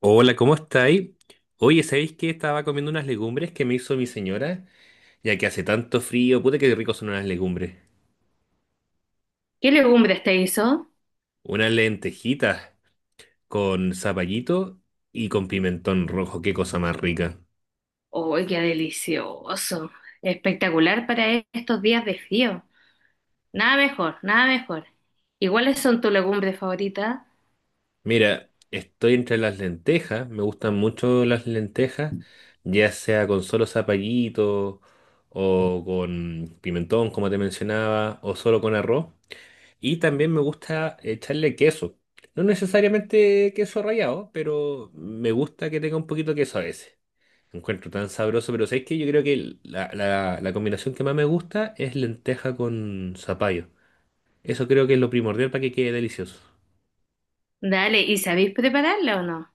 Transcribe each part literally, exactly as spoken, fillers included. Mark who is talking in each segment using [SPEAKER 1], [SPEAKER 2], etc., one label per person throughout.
[SPEAKER 1] Hola, ¿cómo estáis? Oye, ¿sabéis que estaba comiendo unas legumbres que me hizo mi señora? Ya que hace tanto frío, puta que rico son unas legumbres.
[SPEAKER 2] ¿Qué legumbres te hizo?
[SPEAKER 1] Unas lentejitas con zapallito y con pimentón rojo, qué cosa más rica.
[SPEAKER 2] ¡Uy, qué delicioso! Espectacular para estos días de frío. Nada mejor, nada mejor. ¿Y cuáles son tus legumbres favoritas?
[SPEAKER 1] Mira, estoy entre las lentejas, me gustan mucho las lentejas, ya sea con solo zapallito o con pimentón, como te mencionaba, o solo con arroz. Y también me gusta echarle queso. No necesariamente queso rallado, pero me gusta que tenga un poquito de queso a veces. Lo encuentro tan sabroso, pero ¿sabes que yo creo que el- la, la- la combinación que más me gusta es lenteja con zapallo? Eso creo que es lo primordial para que quede delicioso.
[SPEAKER 2] Dale, ¿y sabéis prepararla o no?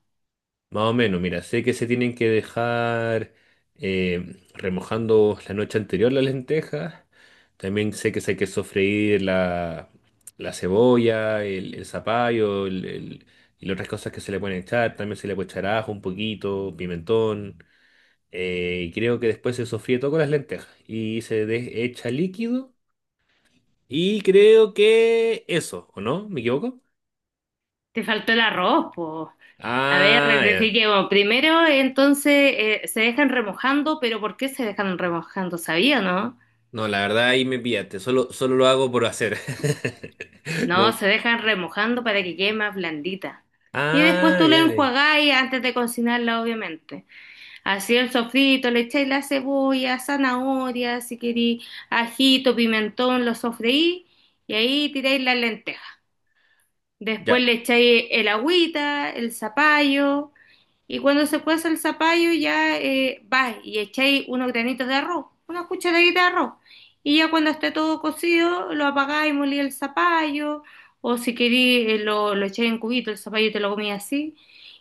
[SPEAKER 1] Más o menos, mira, sé que se tienen que dejar eh, remojando la noche anterior las lentejas. También sé que se hay que sofreír la, la cebolla, el, el zapallo el- el- y las otras cosas que se le pueden echar. También se le puede echar ajo un poquito, pimentón. Eh, y creo que después se sofríe todo con las lentejas y se de- echa líquido. Y creo que eso, ¿o no? ¿Me equivoco?
[SPEAKER 2] Te faltó el arroz, po. A ver,
[SPEAKER 1] Ah, ya.
[SPEAKER 2] rectifiquemos. Primero, entonces, eh, se dejan remojando, pero ¿por qué se dejan remojando? ¿Sabía, o no?
[SPEAKER 1] No, la verdad ahí me pillaste. Solo, solo lo hago por hacer. No.
[SPEAKER 2] No, se dejan remojando para que quede más blandita. Y después
[SPEAKER 1] Ah,
[SPEAKER 2] tú lo
[SPEAKER 1] ya, dale.
[SPEAKER 2] enjuagáis antes de cocinarla, obviamente. Así el sofrito, le echáis la cebolla, zanahoria, si queréis, ajito, pimentón, lo sofreí y ahí tiráis las lentejas. Después
[SPEAKER 1] Ya.
[SPEAKER 2] le echáis el agüita, el zapallo y cuando se cueza el zapallo ya eh, vais y echáis unos granitos de arroz, una cucharadita de arroz. Y ya cuando esté todo cocido, lo apagáis, y molí el zapallo o si queréis eh, lo, lo echáis en cubito, el zapallo te lo comí así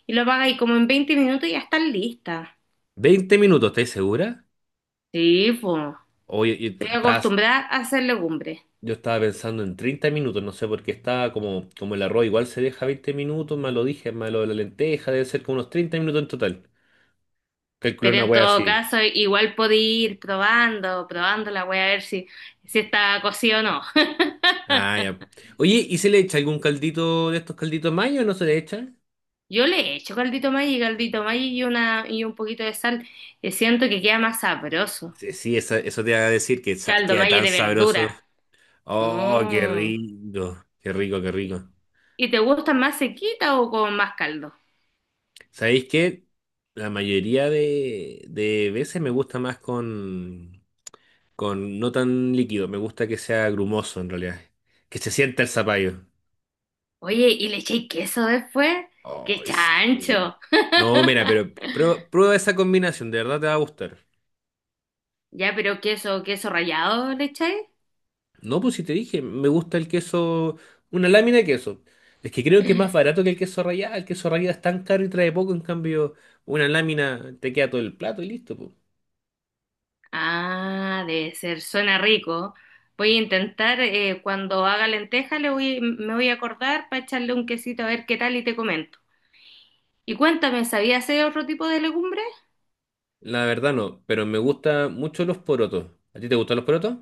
[SPEAKER 2] y lo apagáis como en veinte minutos y ya está lista.
[SPEAKER 1] veinte minutos, ¿estás segura?
[SPEAKER 2] Sí, pues.
[SPEAKER 1] Oye, y t-
[SPEAKER 2] Estoy
[SPEAKER 1] estás-
[SPEAKER 2] acostumbrada a hacer legumbres,
[SPEAKER 1] yo estaba pensando en treinta minutos, no sé por qué estaba como, como el arroz igual se deja veinte minutos, más lo dije, más lo de la lenteja, debe ser como unos treinta minutos en total. Calculé
[SPEAKER 2] pero
[SPEAKER 1] una
[SPEAKER 2] en
[SPEAKER 1] wea
[SPEAKER 2] todo
[SPEAKER 1] así.
[SPEAKER 2] caso igual podí ir probando, probando la voy a ver si, si está cocido o no.
[SPEAKER 1] Ah, ya. Oye, ¿y se le echa algún caldito de estos calditos mayo o no se le echa?
[SPEAKER 2] Yo le he hecho caldito Maggi, caldito Maggi y, una, y un poquito de sal y siento que queda más sabroso.
[SPEAKER 1] Sí, sí, esa- eso te iba a decir que sa-
[SPEAKER 2] Caldo
[SPEAKER 1] queda
[SPEAKER 2] Maggi
[SPEAKER 1] tan
[SPEAKER 2] de
[SPEAKER 1] sabroso.
[SPEAKER 2] verdura.
[SPEAKER 1] Oh, qué
[SPEAKER 2] Mm.
[SPEAKER 1] rico, qué rico, qué rico.
[SPEAKER 2] ¿Y te gusta más sequita o con más caldo?
[SPEAKER 1] ¿Sabéis qué? La mayoría de, de veces me gusta más con, con no tan líquido, me gusta que sea grumoso en realidad, que se sienta el zapallo.
[SPEAKER 2] Oye, ¿y le eché queso después? ¡Qué
[SPEAKER 1] Ay, sí.
[SPEAKER 2] chancho!
[SPEAKER 1] No, mira, pero prueba, prueba esa combinación, de verdad te va a gustar.
[SPEAKER 2] Ya, pero queso, queso rallado le echáis.
[SPEAKER 1] No, pues si te dije, me gusta el queso, una lámina de queso. Es que creo que es más barato que el queso rallado, el queso rallado es tan caro y trae poco, en cambio una lámina te queda todo el plato y listo, pues.
[SPEAKER 2] Ah, debe ser, suena rico. Voy a intentar, eh, cuando haga lenteja, le voy, me voy a acordar para echarle un quesito a ver qué tal y te comento. Y cuéntame, ¿sabías hacer otro tipo de legumbres?
[SPEAKER 1] La verdad no, pero me gustan mucho los porotos. ¿A ti te gustan los porotos?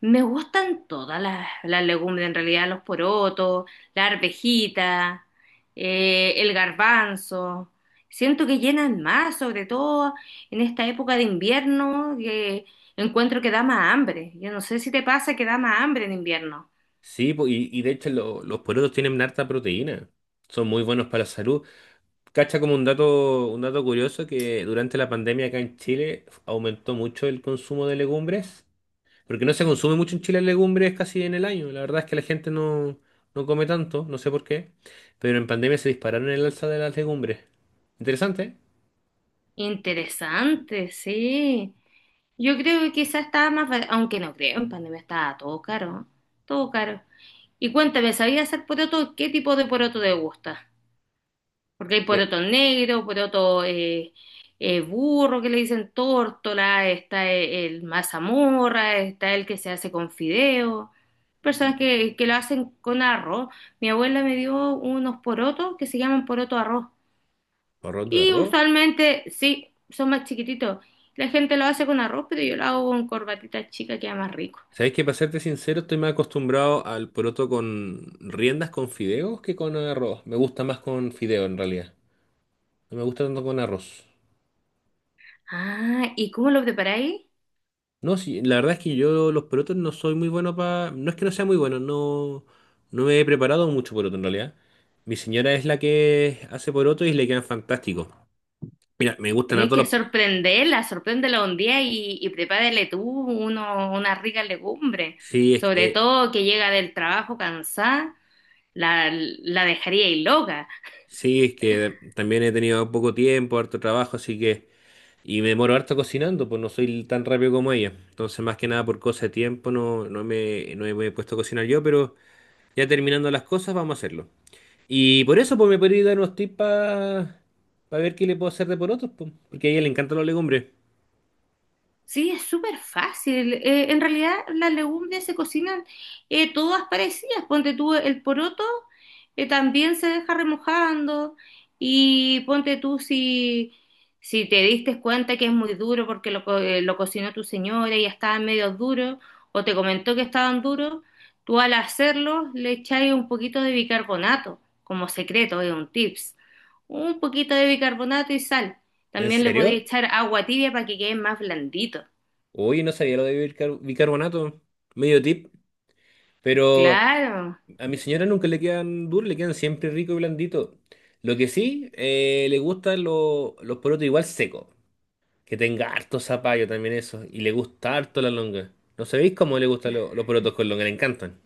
[SPEAKER 2] Me gustan todas las, las legumbres, en realidad, los porotos, la arvejita, eh, el garbanzo. Siento que llenan más, sobre todo en esta época de invierno, que encuentro que da más hambre. Yo no sé si te pasa que da más hambre en invierno.
[SPEAKER 1] Sí, po- y, y de hecho lo- los porotos tienen harta proteína. Son muy buenos para la salud. Cacha como un dato, un dato curioso que durante la pandemia acá en Chile aumentó mucho el consumo de legumbres, porque no se consume mucho en Chile legumbres casi en el año. La verdad es que la gente no, no come tanto, no sé por qué, pero en pandemia se dispararon el alza de las legumbres. Interesante. ¿Eh?
[SPEAKER 2] Interesante, sí. Yo creo que quizás estaba más, ba- aunque no creo, en pandemia estaba todo caro, todo caro. Y cuéntame, ¿sabías hacer poroto? ¿Qué tipo de poroto te gusta? Porque hay
[SPEAKER 1] Me-
[SPEAKER 2] poroto negro, poroto eh, eh, burro que le dicen tórtola, está e- el, mazamorra, está el que se hace con fideo, personas que, que lo hacen con arroz. Mi abuela me dio unos porotos que se llaman poroto arroz.
[SPEAKER 1] Poroto de
[SPEAKER 2] Y
[SPEAKER 1] arroz.
[SPEAKER 2] usualmente, sí, son más chiquititos. La gente lo hace con arroz, pero yo lo hago con corbatita chica, queda más rico.
[SPEAKER 1] Sabes que para serte sincero, estoy más acostumbrado al poroto con riendas con fideos que con arroz. Me gusta más con fideo en realidad. No me gusta tanto con arroz.
[SPEAKER 2] Ah, ¿y cómo lo preparáis?
[SPEAKER 1] No, sí, la verdad es que yo los porotos no soy muy bueno para. No es que no sea muy bueno, no, no me he preparado mucho poroto en realidad. Mi señora es la que hace poroto y le quedan fantásticos. Mira, me gustan a
[SPEAKER 2] Tenéis que
[SPEAKER 1] todos los.
[SPEAKER 2] sorprenderla, sorpréndela un día y, y prepárale tú uno, una rica legumbre.
[SPEAKER 1] Sí, es que,
[SPEAKER 2] Sobre
[SPEAKER 1] eh,
[SPEAKER 2] todo que llega del trabajo cansada, la, la dejaríais loca.
[SPEAKER 1] sí, es que también he tenido poco tiempo, harto trabajo, así que. Y me demoro harto cocinando, pues no soy tan rápido como ella. Entonces, más que nada por cosa de tiempo, no, no me, no me he puesto a cocinar yo, pero ya terminando las cosas, vamos a hacerlo. Y por eso, pues me podría dar unos tips para ver qué le puedo hacer de porotos, pues, porque a ella le encantan las legumbres.
[SPEAKER 2] Sí, es súper fácil. Eh, en realidad las legumbres se cocinan eh, todas parecidas. Ponte tú el poroto, eh, también se deja remojando y ponte tú si, si te diste cuenta que es muy duro porque lo, co- eh, lo cocinó tu señora y ya estaban medio duros o te comentó que estaban duros, tú al hacerlo le echáis un poquito de bicarbonato como secreto, es un tips. Un poquito de bicarbonato y sal.
[SPEAKER 1] ¿En
[SPEAKER 2] También le podéis
[SPEAKER 1] serio?
[SPEAKER 2] echar agua tibia para que quede más blandito.
[SPEAKER 1] Uy, no sabía lo de bicar- bicarbonato. Medio tip. Pero
[SPEAKER 2] Claro,
[SPEAKER 1] a mi señora nunca le quedan duros, le quedan siempre rico y blandito. Lo que sí, eh, le gustan lo- los porotos igual secos. Que tenga harto zapallo también eso. Y le gusta harto la longa. ¿No sabéis cómo le gustan lo- los porotos con longa? Le encantan.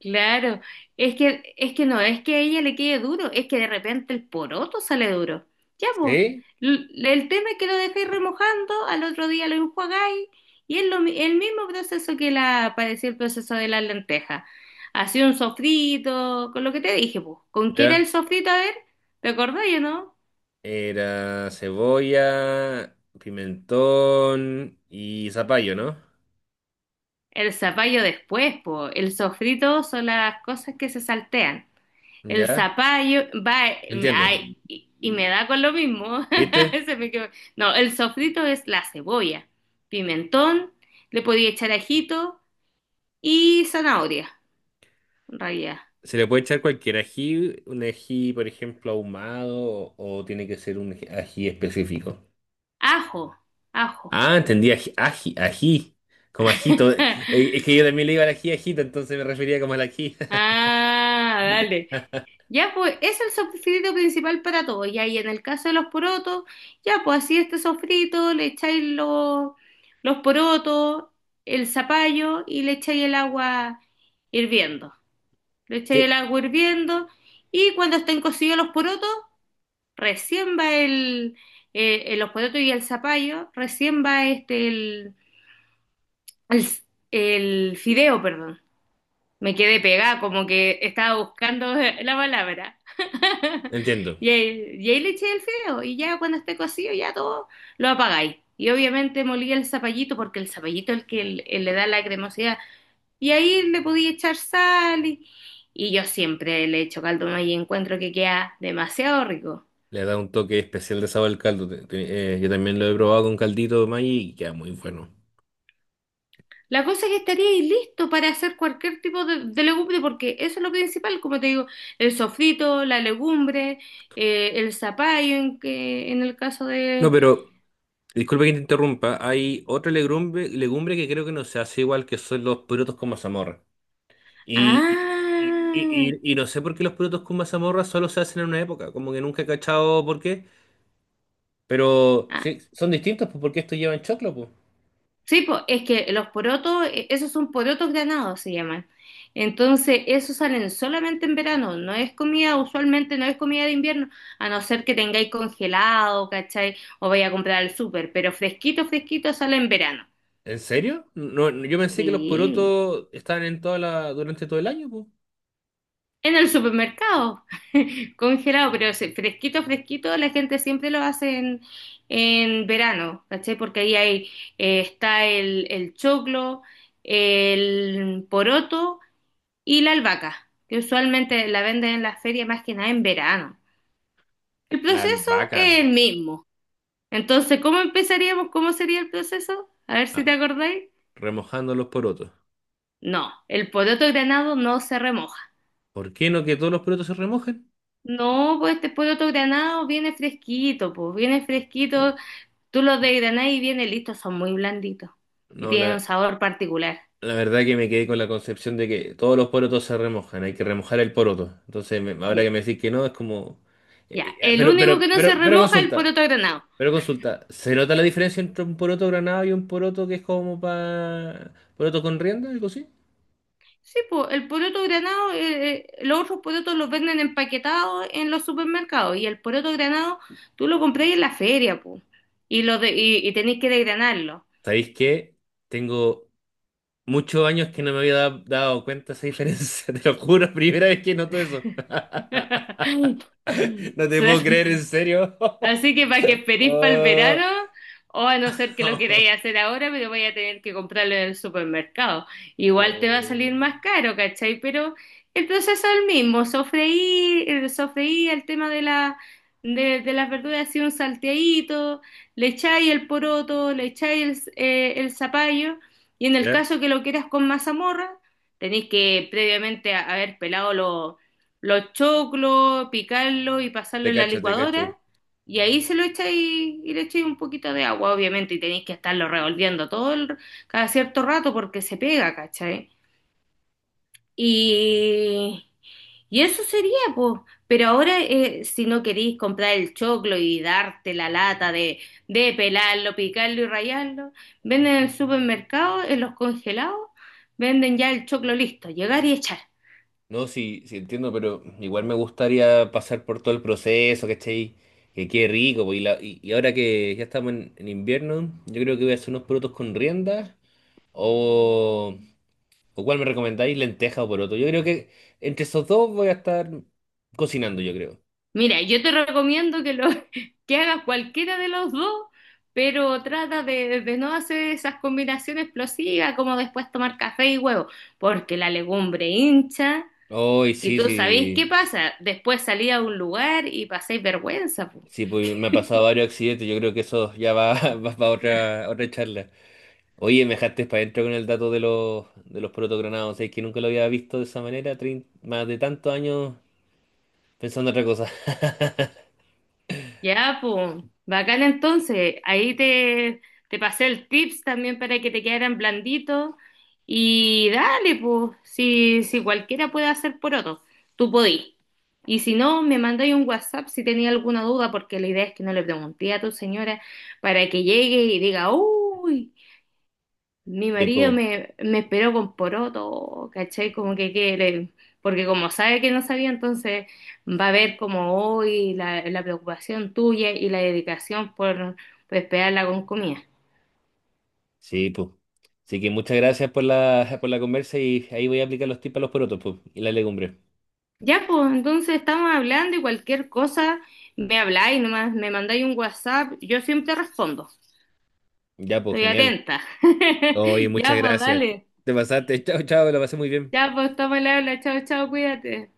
[SPEAKER 2] claro. Es que, es que no, es que a ella le quede duro, es que de repente el poroto sale duro. Ya, pues.
[SPEAKER 1] ¿Sí?
[SPEAKER 2] El tema es que lo dejáis remojando, al otro día lo enjuagáis y es lo mi- el mismo proceso que la, parecía el proceso de las lentejas. Hacía un sofrito, con lo que te dije, pues. ¿Con qué era
[SPEAKER 1] ¿Ya?
[SPEAKER 2] el sofrito? A ver, ¿te acordáis o no?
[SPEAKER 1] Era cebolla, pimentón y zapallo, ¿no?
[SPEAKER 2] El zapallo después, pues. El sofrito son las cosas que se saltean. El
[SPEAKER 1] ¿Ya?
[SPEAKER 2] zapallo, va,
[SPEAKER 1] Entiendo.
[SPEAKER 2] ay, y, y me da con lo mismo.
[SPEAKER 1] ¿Viste?
[SPEAKER 2] Se me quedó. No, el sofrito es la cebolla, pimentón, le podía echar ajito y zanahoria, en realidad.
[SPEAKER 1] Se le puede echar cualquier ají, un ají, por ejemplo, ahumado, o, o tiene que ser un ají ají específico.
[SPEAKER 2] Ajo, ajo.
[SPEAKER 1] Ah, entendí, ají, ají, ají, como ajito. Eh, Es que yo también le iba al ají, ajito, entonces me refería como al ají.
[SPEAKER 2] Ah, dale. Ya pues, es el sofrito principal para todo. Ya, y ahí en el caso de los porotos, ya pues así este sofrito, le echáis los, los porotos, el zapallo y le echáis el agua hirviendo. Le echáis el
[SPEAKER 1] Sí,
[SPEAKER 2] agua hirviendo y cuando estén cocidos los porotos, recién va el, eh, eh, los porotos y el zapallo, recién va este, el, el, el fideo, perdón. Me quedé pegada, como que estaba buscando la palabra.
[SPEAKER 1] entiendo.
[SPEAKER 2] Y ahí, y ahí le eché el fideo y ya cuando esté cocido ya todo lo apagáis. Y obviamente molí el zapallito porque el zapallito es el que le le da la cremosidad. Y ahí le podía echar sal y, y yo siempre le echo caldo de maíz y encuentro que queda demasiado rico.
[SPEAKER 1] Le da un toque especial de sabor al caldo. Te- te- eh, yo también lo he probado con caldito de maíz y queda muy bueno.
[SPEAKER 2] La cosa es que estaría ahí listo para hacer cualquier tipo de, de legumbre porque eso es lo principal, como te digo, el sofrito, la legumbre, eh, el zapallo en, que, en el caso
[SPEAKER 1] No,
[SPEAKER 2] de...
[SPEAKER 1] pero disculpe que te interrumpa. Hay otra legumbre, legumbre que creo que no se hace igual que son los porotos con mazamorra. Y, y, y,
[SPEAKER 2] Ah,
[SPEAKER 1] y- y no sé por qué los porotos con mazamorra solo se hacen en una época. Como que nunca he cachado por qué. Pero
[SPEAKER 2] ah,
[SPEAKER 1] sí, son distintos pues, porque estos llevan choclo, pues.
[SPEAKER 2] sí, po, es que los porotos, eh, esos son porotos granados, se llaman. Entonces, esos salen solamente en verano, no es comida, usualmente no es comida de invierno, a no ser que tengáis congelado, ¿cachai? O vaya a comprar al súper, pero fresquito, fresquito sale en verano.
[SPEAKER 1] ¿En serio? No, no, yo pensé que los
[SPEAKER 2] Sí,
[SPEAKER 1] porotos estaban en toda la, durante todo el año, pues.
[SPEAKER 2] en el supermercado, congelado, pero ese fresquito, fresquito, la gente siempre lo hace en, en verano, ¿cachai? Porque ahí hay, eh, está el, el choclo, el poroto y la albahaca, que usualmente la venden en las ferias más que nada en verano. El
[SPEAKER 1] La
[SPEAKER 2] proceso
[SPEAKER 1] albahaca,
[SPEAKER 2] es el mismo. Entonces, ¿cómo empezaríamos? ¿Cómo sería el proceso? A ver si
[SPEAKER 1] ah,
[SPEAKER 2] te acordáis.
[SPEAKER 1] remojando los porotos.
[SPEAKER 2] No, el poroto granado no se remoja.
[SPEAKER 1] ¿Por qué no que todos los porotos se remojen?
[SPEAKER 2] No, pues este poroto granado viene fresquito, pues viene fresquito.
[SPEAKER 1] No,
[SPEAKER 2] Tú lo desgranás y viene listo, son muy blanditos y
[SPEAKER 1] no,
[SPEAKER 2] tienen un
[SPEAKER 1] la,
[SPEAKER 2] sabor particular.
[SPEAKER 1] la verdad que me quedé con la concepción de que todos los porotos se remojan, hay que remojar el poroto. Entonces, me- ahora
[SPEAKER 2] Ya,
[SPEAKER 1] que me decís que no, es como... eh,
[SPEAKER 2] ya.
[SPEAKER 1] eh, ah,
[SPEAKER 2] El
[SPEAKER 1] pero,
[SPEAKER 2] único que
[SPEAKER 1] pero,
[SPEAKER 2] no se
[SPEAKER 1] pero, pero
[SPEAKER 2] remoja es el
[SPEAKER 1] consulta,
[SPEAKER 2] poroto granado.
[SPEAKER 1] pero consulta, ¿se nota la diferencia entre un poroto granado y un poroto que es como para... poroto con rienda, algo así?
[SPEAKER 2] Sí, pues el poroto granado, eh, eh, los otros porotos los venden empaquetados en los supermercados y el poroto granado tú lo compras en la feria, pues, y, lo de- y, y tenéis que desgranarlo.
[SPEAKER 1] ¿Sabéis qué? Tengo muchos años que no me había da- dado cuenta de esa diferencia, te lo juro, primera vez que noto eso. No te puedo
[SPEAKER 2] Suerte.
[SPEAKER 1] creer, en serio.
[SPEAKER 2] Así que para que esperéis para el
[SPEAKER 1] Ah,
[SPEAKER 2] verano, o a no ser que lo queráis hacer ahora, pero vais a tener que comprarlo en el supermercado. Igual te va a
[SPEAKER 1] no.
[SPEAKER 2] salir más caro, ¿cachai? Pero el proceso es el mismo, sofreí, eh, sofreí el tema de la, de, de las verduras, así un salteadito, le echáis el poroto, le echáis el, eh, el zapallo, y en el
[SPEAKER 1] ¿Ya?
[SPEAKER 2] caso que lo quieras con mazamorra, tenéis que previamente haber pelado los los choclos, picarlo y pasarlo
[SPEAKER 1] Te
[SPEAKER 2] en la
[SPEAKER 1] cacho, te
[SPEAKER 2] licuadora.
[SPEAKER 1] cacho.
[SPEAKER 2] Y ahí se lo echáis y le echáis un poquito de agua, obviamente, y tenéis que estarlo revolviendo todo el, cada cierto rato porque se pega, ¿cachai? Y, y eso sería, pues. Pero ahora, eh, si no queréis comprar el choclo y darte la lata de, de pelarlo, picarlo y rallarlo, venden en el supermercado, en los congelados, venden ya el choclo listo, llegar y echar.
[SPEAKER 1] No, sí, sí entiendo, pero igual me gustaría pasar por todo el proceso, ¿cachai? Que quede rico, po, y, la- y, y ahora que ya estamos en, en invierno, yo creo que voy a hacer unos porotos con rienda, o, o cuál me recomendáis, lenteja o poroto. Yo creo que entre esos dos voy a estar cocinando, yo creo.
[SPEAKER 2] Mira, yo te recomiendo que lo que hagas cualquiera de los dos, pero trata de, de no hacer esas combinaciones explosivas como después tomar café y huevo, porque la legumbre hincha
[SPEAKER 1] Hoy
[SPEAKER 2] y
[SPEAKER 1] sí,
[SPEAKER 2] tú sabéis qué
[SPEAKER 1] sí,
[SPEAKER 2] pasa, después salís a un lugar y pasáis vergüenza, po.
[SPEAKER 1] sí, pues me ha pasado varios accidentes, yo creo que eso ya va, va para otra, otra charla. Oye, me dejaste para adentro con el dato de los, de los protogronados. Es que nunca lo había visto de esa manera, trein- más de tantos años pensando en otra cosa.
[SPEAKER 2] Ya, pues, bacán entonces. Ahí te, te pasé el tips también para que te quedaran blanditos. Y dale, pues, si, si cualquiera puede hacer poroto, tú podís. Y si no, me mandáis un WhatsApp si tenía alguna duda, porque la idea es que no le pregunté a tu señora para que llegue y diga, uy, mi
[SPEAKER 1] Sí,
[SPEAKER 2] marido
[SPEAKER 1] po.
[SPEAKER 2] me, me esperó con poroto, ¿cachai? Como que quiere, porque como sabe que no sabía, entonces va a ver como hoy la, la preocupación tuya y la dedicación por, por esperarla con comida.
[SPEAKER 1] Sí, po. Así que muchas gracias por la, por la conversa y ahí voy a aplicar los tips a los porotos, po, y la legumbre.
[SPEAKER 2] Ya, pues, entonces estamos hablando y cualquier cosa, me habláis nomás, me mandáis un WhatsApp, yo siempre respondo,
[SPEAKER 1] Ya, pues,
[SPEAKER 2] estoy
[SPEAKER 1] genial.
[SPEAKER 2] atenta.
[SPEAKER 1] Oye, muchas
[SPEAKER 2] Ya, pues,
[SPEAKER 1] gracias.
[SPEAKER 2] dale.
[SPEAKER 1] Te pasaste. Chao, chao, lo pasé muy bien.
[SPEAKER 2] Ya, pues, toma el habla, chao, chao, cuídate.